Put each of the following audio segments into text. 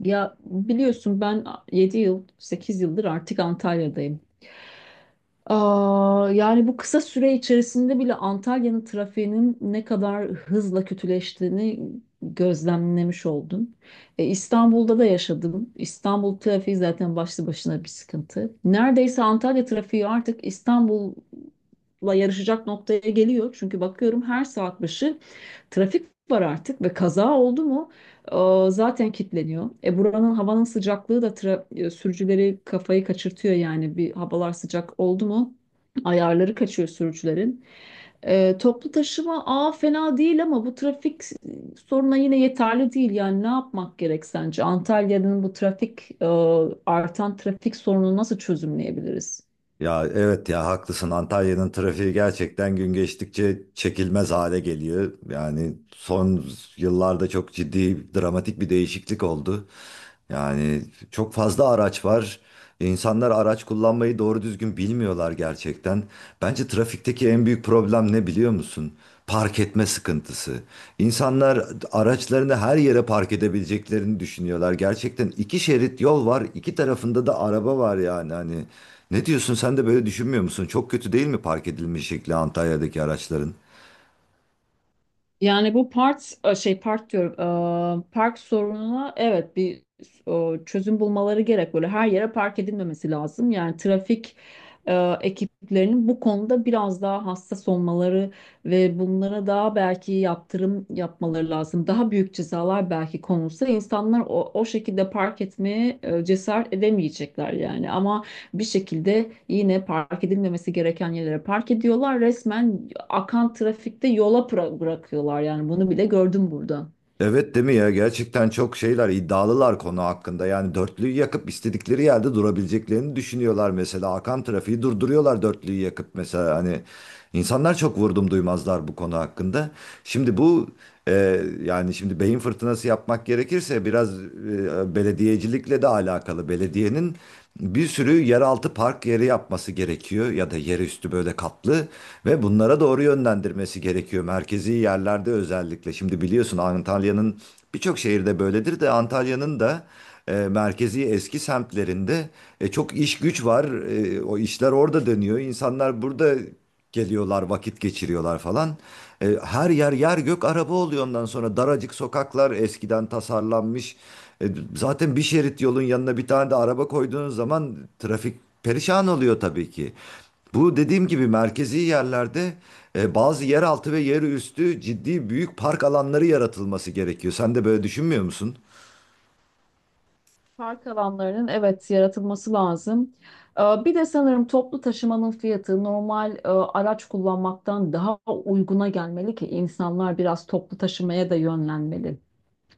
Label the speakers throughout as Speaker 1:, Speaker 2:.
Speaker 1: Ya biliyorsun ben 7 yıl, 8 yıldır artık Antalya'dayım. Yani bu kısa süre içerisinde bile Antalya'nın trafiğinin ne kadar hızla kötüleştiğini gözlemlemiş oldum. İstanbul'da da yaşadım. İstanbul trafiği zaten başlı başına bir sıkıntı. Neredeyse Antalya trafiği artık İstanbul'la yarışacak noktaya geliyor. Çünkü bakıyorum her saat başı trafik var artık ve kaza oldu mu zaten kilitleniyor. Buranın havanın sıcaklığı da sürücüleri kafayı kaçırtıyor yani bir havalar sıcak oldu mu ayarları kaçıyor sürücülerin. Toplu taşıma fena değil ama bu trafik soruna yine yeterli değil. Yani ne yapmak gerek sence? Antalya'nın bu trafik artan trafik sorununu nasıl çözümleyebiliriz?
Speaker 2: Ya evet ya haklısın. Antalya'nın trafiği gerçekten gün geçtikçe çekilmez hale geliyor. Yani son yıllarda çok ciddi, dramatik bir değişiklik oldu. Yani çok fazla araç var. İnsanlar araç kullanmayı doğru düzgün bilmiyorlar gerçekten. Bence trafikteki en büyük problem ne biliyor musun? Park etme sıkıntısı. İnsanlar araçlarını her yere park edebileceklerini düşünüyorlar. Gerçekten iki şerit yol var, iki tarafında da araba var yani hani. Ne diyorsun, sen de böyle düşünmüyor musun? Çok kötü değil mi park edilme şekli Antalya'daki araçların?
Speaker 1: Yani bu part e, şey park diyorum, park sorununa evet bir çözüm bulmaları gerek, böyle her yere park edilmemesi lazım, yani trafik e, ekiplerinin bu konuda biraz daha hassas olmaları ve bunlara daha belki yaptırım yapmaları lazım. Daha büyük cezalar belki konulsa insanlar o şekilde park etmeye cesaret edemeyecekler yani, ama bir şekilde yine park edilmemesi gereken yerlere park ediyorlar. Resmen akan trafikte yola bırakıyorlar, yani bunu bile gördüm burada.
Speaker 2: Evet değil mi ya? Gerçekten çok şeyler iddialılar konu hakkında. Yani dörtlüyü yakıp istedikleri yerde durabileceklerini düşünüyorlar mesela. Akan trafiği durduruyorlar dörtlüyü yakıp mesela. Hani insanlar çok vurdum duymazlar bu konu hakkında. Şimdi bu yani şimdi beyin fırtınası yapmak gerekirse biraz belediyecilikle de alakalı. Belediyenin bir sürü yeraltı park yeri yapması gerekiyor ya da yerüstü böyle katlı ve bunlara doğru yönlendirmesi gerekiyor merkezi yerlerde özellikle. Şimdi biliyorsun Antalya'nın birçok şehirde böyledir de Antalya'nın da merkezi eski semtlerinde çok iş güç var. O işler orada dönüyor. İnsanlar burada geliyorlar, vakit geçiriyorlar falan. Her yer yer gök araba oluyor ondan sonra daracık sokaklar eskiden tasarlanmış. E, zaten bir şerit yolun yanına bir tane de araba koyduğunuz zaman trafik perişan oluyor tabii ki. Bu dediğim gibi merkezi yerlerde bazı yeraltı ve yerüstü ciddi büyük park alanları yaratılması gerekiyor. Sen de böyle düşünmüyor musun?
Speaker 1: Park alanlarının evet yaratılması lazım. Bir de sanırım toplu taşımanın fiyatı normal araç kullanmaktan daha uyguna gelmeli ki insanlar biraz toplu taşımaya da yönlenmeli.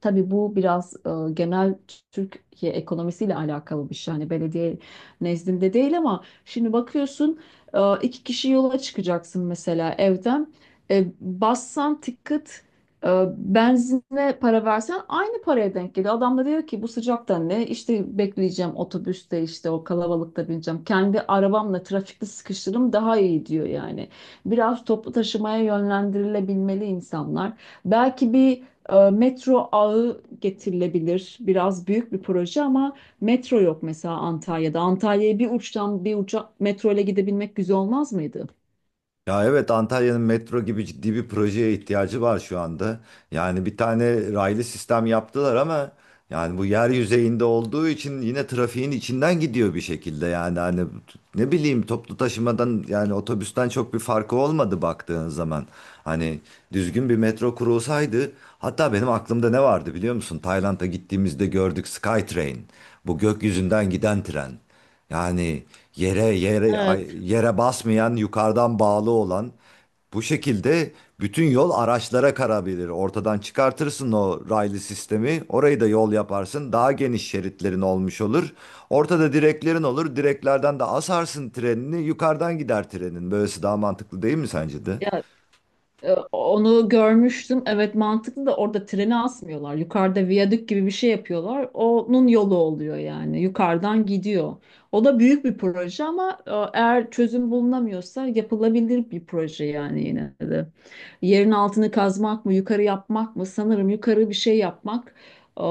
Speaker 1: Tabii bu biraz genel Türkiye ekonomisiyle alakalı bir şey. Hani belediye nezdinde değil, ama şimdi bakıyorsun iki kişi yola çıkacaksın mesela evden. Bassan ticket, e, benzine para versen aynı paraya denk geliyor. Adam da diyor ki bu sıcakta ne? İşte bekleyeceğim otobüste, işte o kalabalıkta bineceğim. Kendi arabamla trafikte sıkışırım daha iyi, diyor yani. Biraz toplu taşımaya yönlendirilebilmeli insanlar. Belki bir metro ağı getirilebilir. Biraz büyük bir proje, ama metro yok mesela Antalya'da. Antalya'ya bir uçtan bir uca metro ile gidebilmek güzel olmaz mıydı?
Speaker 2: Ya evet, Antalya'nın metro gibi ciddi bir projeye ihtiyacı var şu anda. Yani bir tane raylı sistem yaptılar ama yani bu yer yüzeyinde olduğu için yine trafiğin içinden gidiyor bir şekilde. Yani hani ne bileyim, toplu taşımadan yani otobüsten çok bir farkı olmadı baktığın zaman. Hani düzgün bir metro kurulsaydı, hatta benim aklımda ne vardı biliyor musun? Tayland'a gittiğimizde gördük Skytrain. Bu gökyüzünden giden tren. Yani
Speaker 1: Evet.
Speaker 2: yere basmayan, yukarıdan bağlı olan bu şekilde bütün yol araçlara karabilir. Ortadan çıkartırsın o raylı sistemi. Orayı da yol yaparsın. Daha geniş şeritlerin olmuş olur. Ortada direklerin olur. Direklerden de asarsın trenini. Yukarıdan gider trenin. Böylesi daha mantıklı değil mi sence de?
Speaker 1: Ya Onu görmüştüm. Evet, mantıklı, da orada treni asmıyorlar. Yukarıda viyadük gibi bir şey yapıyorlar. Onun yolu oluyor yani. Yukarıdan gidiyor. O da büyük bir proje, ama eğer çözüm bulunamıyorsa yapılabilir bir proje yani yine de. Yerin altını kazmak mı, yukarı yapmak mı? Sanırım yukarı bir şey yapmak e,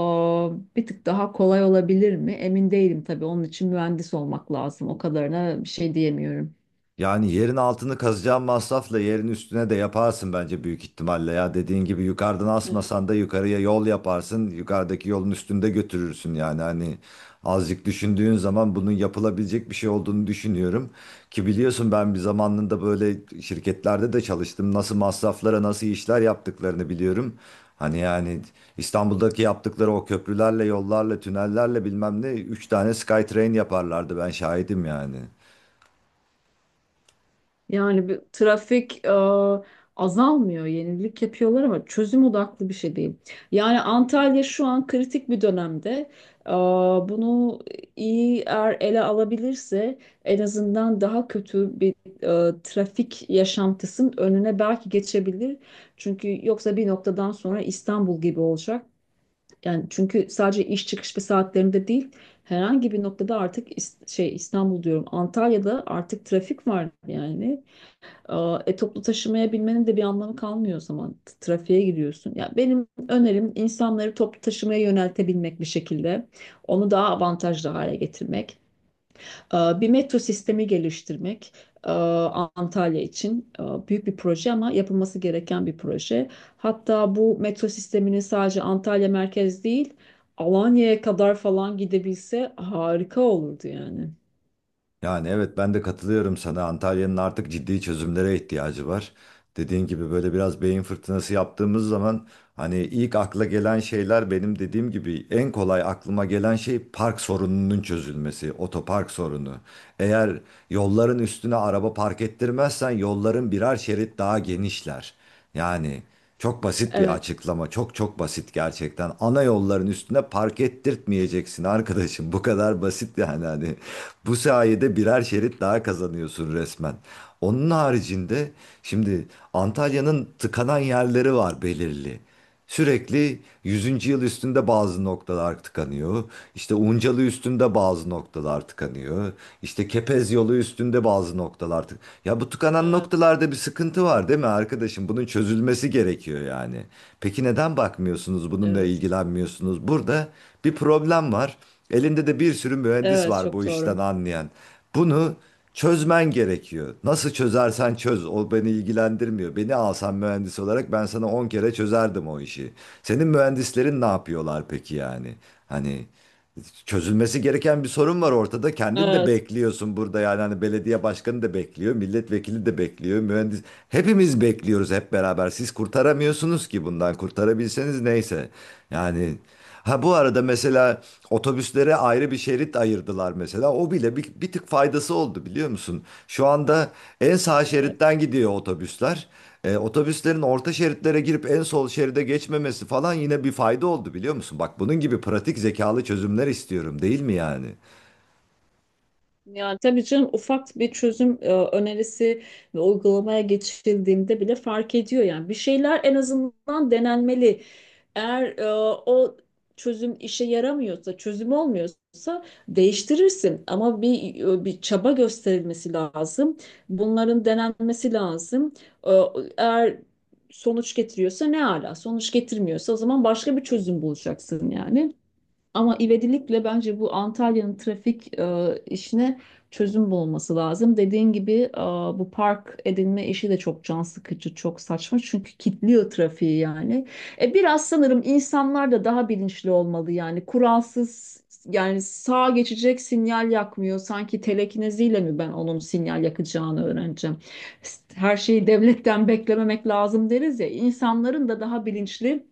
Speaker 1: bir tık daha kolay olabilir mi? Emin değilim tabii. Onun için mühendis olmak lazım. O kadarına bir şey diyemiyorum.
Speaker 2: Yani yerin altını kazacağın masrafla yerin üstüne de yaparsın bence büyük ihtimalle ya. Dediğin gibi yukarıdan asmasan da yukarıya yol yaparsın. Yukarıdaki yolun üstünde götürürsün yani hani azıcık düşündüğün zaman bunun yapılabilecek bir şey olduğunu düşünüyorum. Ki biliyorsun, ben bir zamanında böyle şirketlerde de çalıştım. Nasıl masraflara nasıl işler yaptıklarını biliyorum. Hani yani İstanbul'daki yaptıkları o köprülerle, yollarla, tünellerle bilmem ne 3 tane SkyTrain yaparlardı, ben şahidim yani.
Speaker 1: Yani bir trafik azalmıyor, yenilik yapıyorlar ama çözüm odaklı bir şey değil. Yani Antalya şu an kritik bir dönemde. E, bunu iyi eğer ele alabilirse en azından daha kötü bir trafik yaşantısının önüne belki geçebilir. Çünkü yoksa bir noktadan sonra İstanbul gibi olacak. Yani çünkü sadece iş çıkış ve saatlerinde değil, herhangi bir noktada artık İstanbul diyorum, Antalya'da artık trafik var yani. Toplu taşımaya binmenin de bir anlamı kalmıyor o zaman. Trafiğe giriyorsun. Ya benim önerim insanları toplu taşımaya yöneltebilmek bir şekilde. Onu daha avantajlı hale getirmek. Bir metro sistemi geliştirmek. Antalya için büyük bir proje, ama yapılması gereken bir proje. Hatta bu metro sistemini sadece Antalya merkez değil, Alanya'ya kadar falan gidebilse harika olurdu yani.
Speaker 2: Yani evet, ben de katılıyorum sana. Antalya'nın artık ciddi çözümlere ihtiyacı var. Dediğin gibi böyle biraz beyin fırtınası yaptığımız zaman hani ilk akla gelen şeyler, benim dediğim gibi en kolay aklıma gelen şey park sorununun çözülmesi, otopark sorunu. Eğer yolların üstüne araba park ettirmezsen yolların birer şerit daha genişler. Yani çok basit bir
Speaker 1: Evet,
Speaker 2: açıklama. Çok çok basit gerçekten. Ana yolların üstüne park ettirtmeyeceksin arkadaşım. Bu kadar basit yani hani. Bu sayede birer şerit daha kazanıyorsun resmen. Onun haricinde şimdi Antalya'nın tıkanan yerleri var belirli. Sürekli Yüzüncü Yıl üstünde bazı noktalar tıkanıyor. İşte Uncalı üstünde bazı noktalar tıkanıyor. İşte Kepez yolu üstünde bazı noktalar tık. Ya bu tıkanan
Speaker 1: evet,
Speaker 2: noktalarda bir sıkıntı var değil mi arkadaşım? Bunun çözülmesi gerekiyor yani. Peki neden bakmıyorsunuz? Bununla
Speaker 1: evet.
Speaker 2: ilgilenmiyorsunuz? Burada bir problem var. Elinde de bir sürü mühendis
Speaker 1: Evet,
Speaker 2: var bu
Speaker 1: çok doğru.
Speaker 2: işten anlayan. Bunu çözmen gerekiyor. Nasıl çözersen çöz, o beni ilgilendirmiyor. Beni alsan mühendis olarak ben sana 10 kere çözerdim o işi. Senin mühendislerin ne yapıyorlar peki yani? Hani çözülmesi gereken bir sorun var ortada. Kendin de
Speaker 1: Evet,
Speaker 2: bekliyorsun burada yani hani, belediye başkanı da bekliyor, milletvekili de bekliyor, mühendis. Hepimiz bekliyoruz hep beraber. Siz kurtaramıyorsunuz ki bundan. Kurtarabilseniz neyse. Yani, ha bu arada mesela otobüslere ayrı bir şerit ayırdılar mesela. O bile bir tık faydası oldu biliyor musun? Şu anda en sağ
Speaker 1: evet.
Speaker 2: şeritten gidiyor otobüsler. Otobüslerin orta şeritlere girip en sol şeride geçmemesi falan yine bir fayda oldu biliyor musun? Bak bunun gibi pratik zekalı çözümler istiyorum, değil mi yani?
Speaker 1: Yani tabii canım, ufak bir çözüm önerisi ve uygulamaya geçildiğinde bile fark ediyor yani. Bir şeyler en azından denenmeli. Eğer o çözüm işe yaramıyorsa, çözüm olmuyorsa değiştirirsin. Ama bir çaba gösterilmesi lazım. Bunların denenmesi lazım. E, eğer sonuç getiriyorsa ne ala, sonuç getirmiyorsa o zaman başka bir çözüm bulacaksın yani. Ama ivedilikle bence bu Antalya'nın trafik işine çözüm bulması lazım. Dediğin gibi bu park edinme işi de çok can sıkıcı, çok saçma, çünkü kilitliyor trafiği yani. Biraz sanırım insanlar da daha bilinçli olmalı, yani kuralsız, yani sağa geçecek sinyal yakmıyor. Sanki telekineziyle mi ben onun sinyal yakacağını öğreneceğim? Her şeyi devletten beklememek lazım deriz ya. İnsanların da daha bilinçli,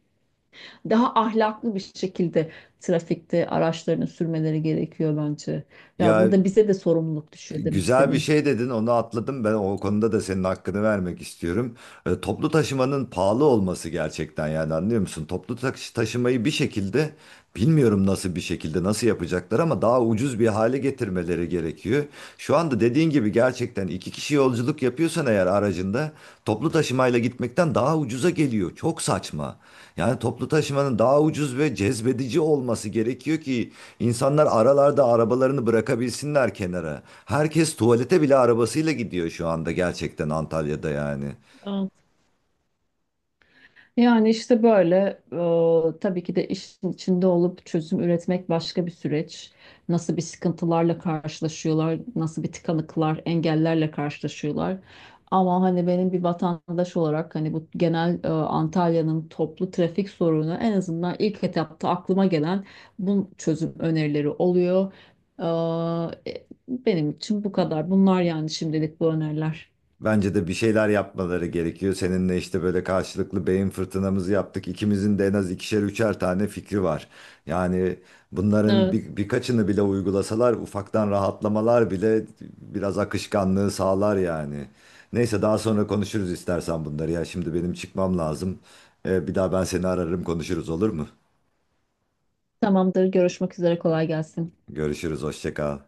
Speaker 1: daha ahlaklı bir şekilde trafikte araçlarını sürmeleri gerekiyor bence. Ya,
Speaker 2: Ya
Speaker 1: burada bize de sorumluluk düşüyor demek
Speaker 2: güzel bir
Speaker 1: istedim.
Speaker 2: şey dedin, onu atladım ben, o konuda da senin hakkını vermek istiyorum. Toplu taşımanın pahalı olması gerçekten yani anlıyor musun? Toplu taşımayı bir şekilde bilmiyorum nasıl bir şekilde nasıl yapacaklar ama daha ucuz bir hale getirmeleri gerekiyor. Şu anda dediğin gibi gerçekten iki kişi yolculuk yapıyorsan eğer aracında, toplu taşımayla gitmekten daha ucuza geliyor. Çok saçma. Yani toplu taşımanın daha ucuz ve cezbedici olması gerekiyor ki insanlar aralarda arabalarını bırakabilsinler kenara. Herkes tuvalete bile arabasıyla gidiyor şu anda gerçekten Antalya'da yani.
Speaker 1: Yani işte böyle tabii ki de işin içinde olup çözüm üretmek başka bir süreç. Nasıl bir sıkıntılarla karşılaşıyorlar, nasıl bir tıkanıklar, engellerle karşılaşıyorlar. Ama hani benim bir vatandaş olarak, hani bu genel Antalya'nın toplu trafik sorunu en azından ilk etapta aklıma gelen bu çözüm önerileri oluyor. Benim için bu kadar. Bunlar yani şimdilik bu öneriler.
Speaker 2: Bence de bir şeyler yapmaları gerekiyor. Seninle işte böyle karşılıklı beyin fırtınamızı yaptık. İkimizin de en az ikişer üçer tane fikri var. Yani bunların
Speaker 1: Evet.
Speaker 2: birkaçını bile uygulasalar ufaktan rahatlamalar bile biraz akışkanlığı sağlar yani. Neyse, daha sonra konuşuruz istersen bunları ya. Şimdi benim çıkmam lazım. Bir daha ben seni ararım, konuşuruz olur mu?
Speaker 1: Tamamdır. Görüşmek üzere. Kolay gelsin.
Speaker 2: Görüşürüz, hoşça kal.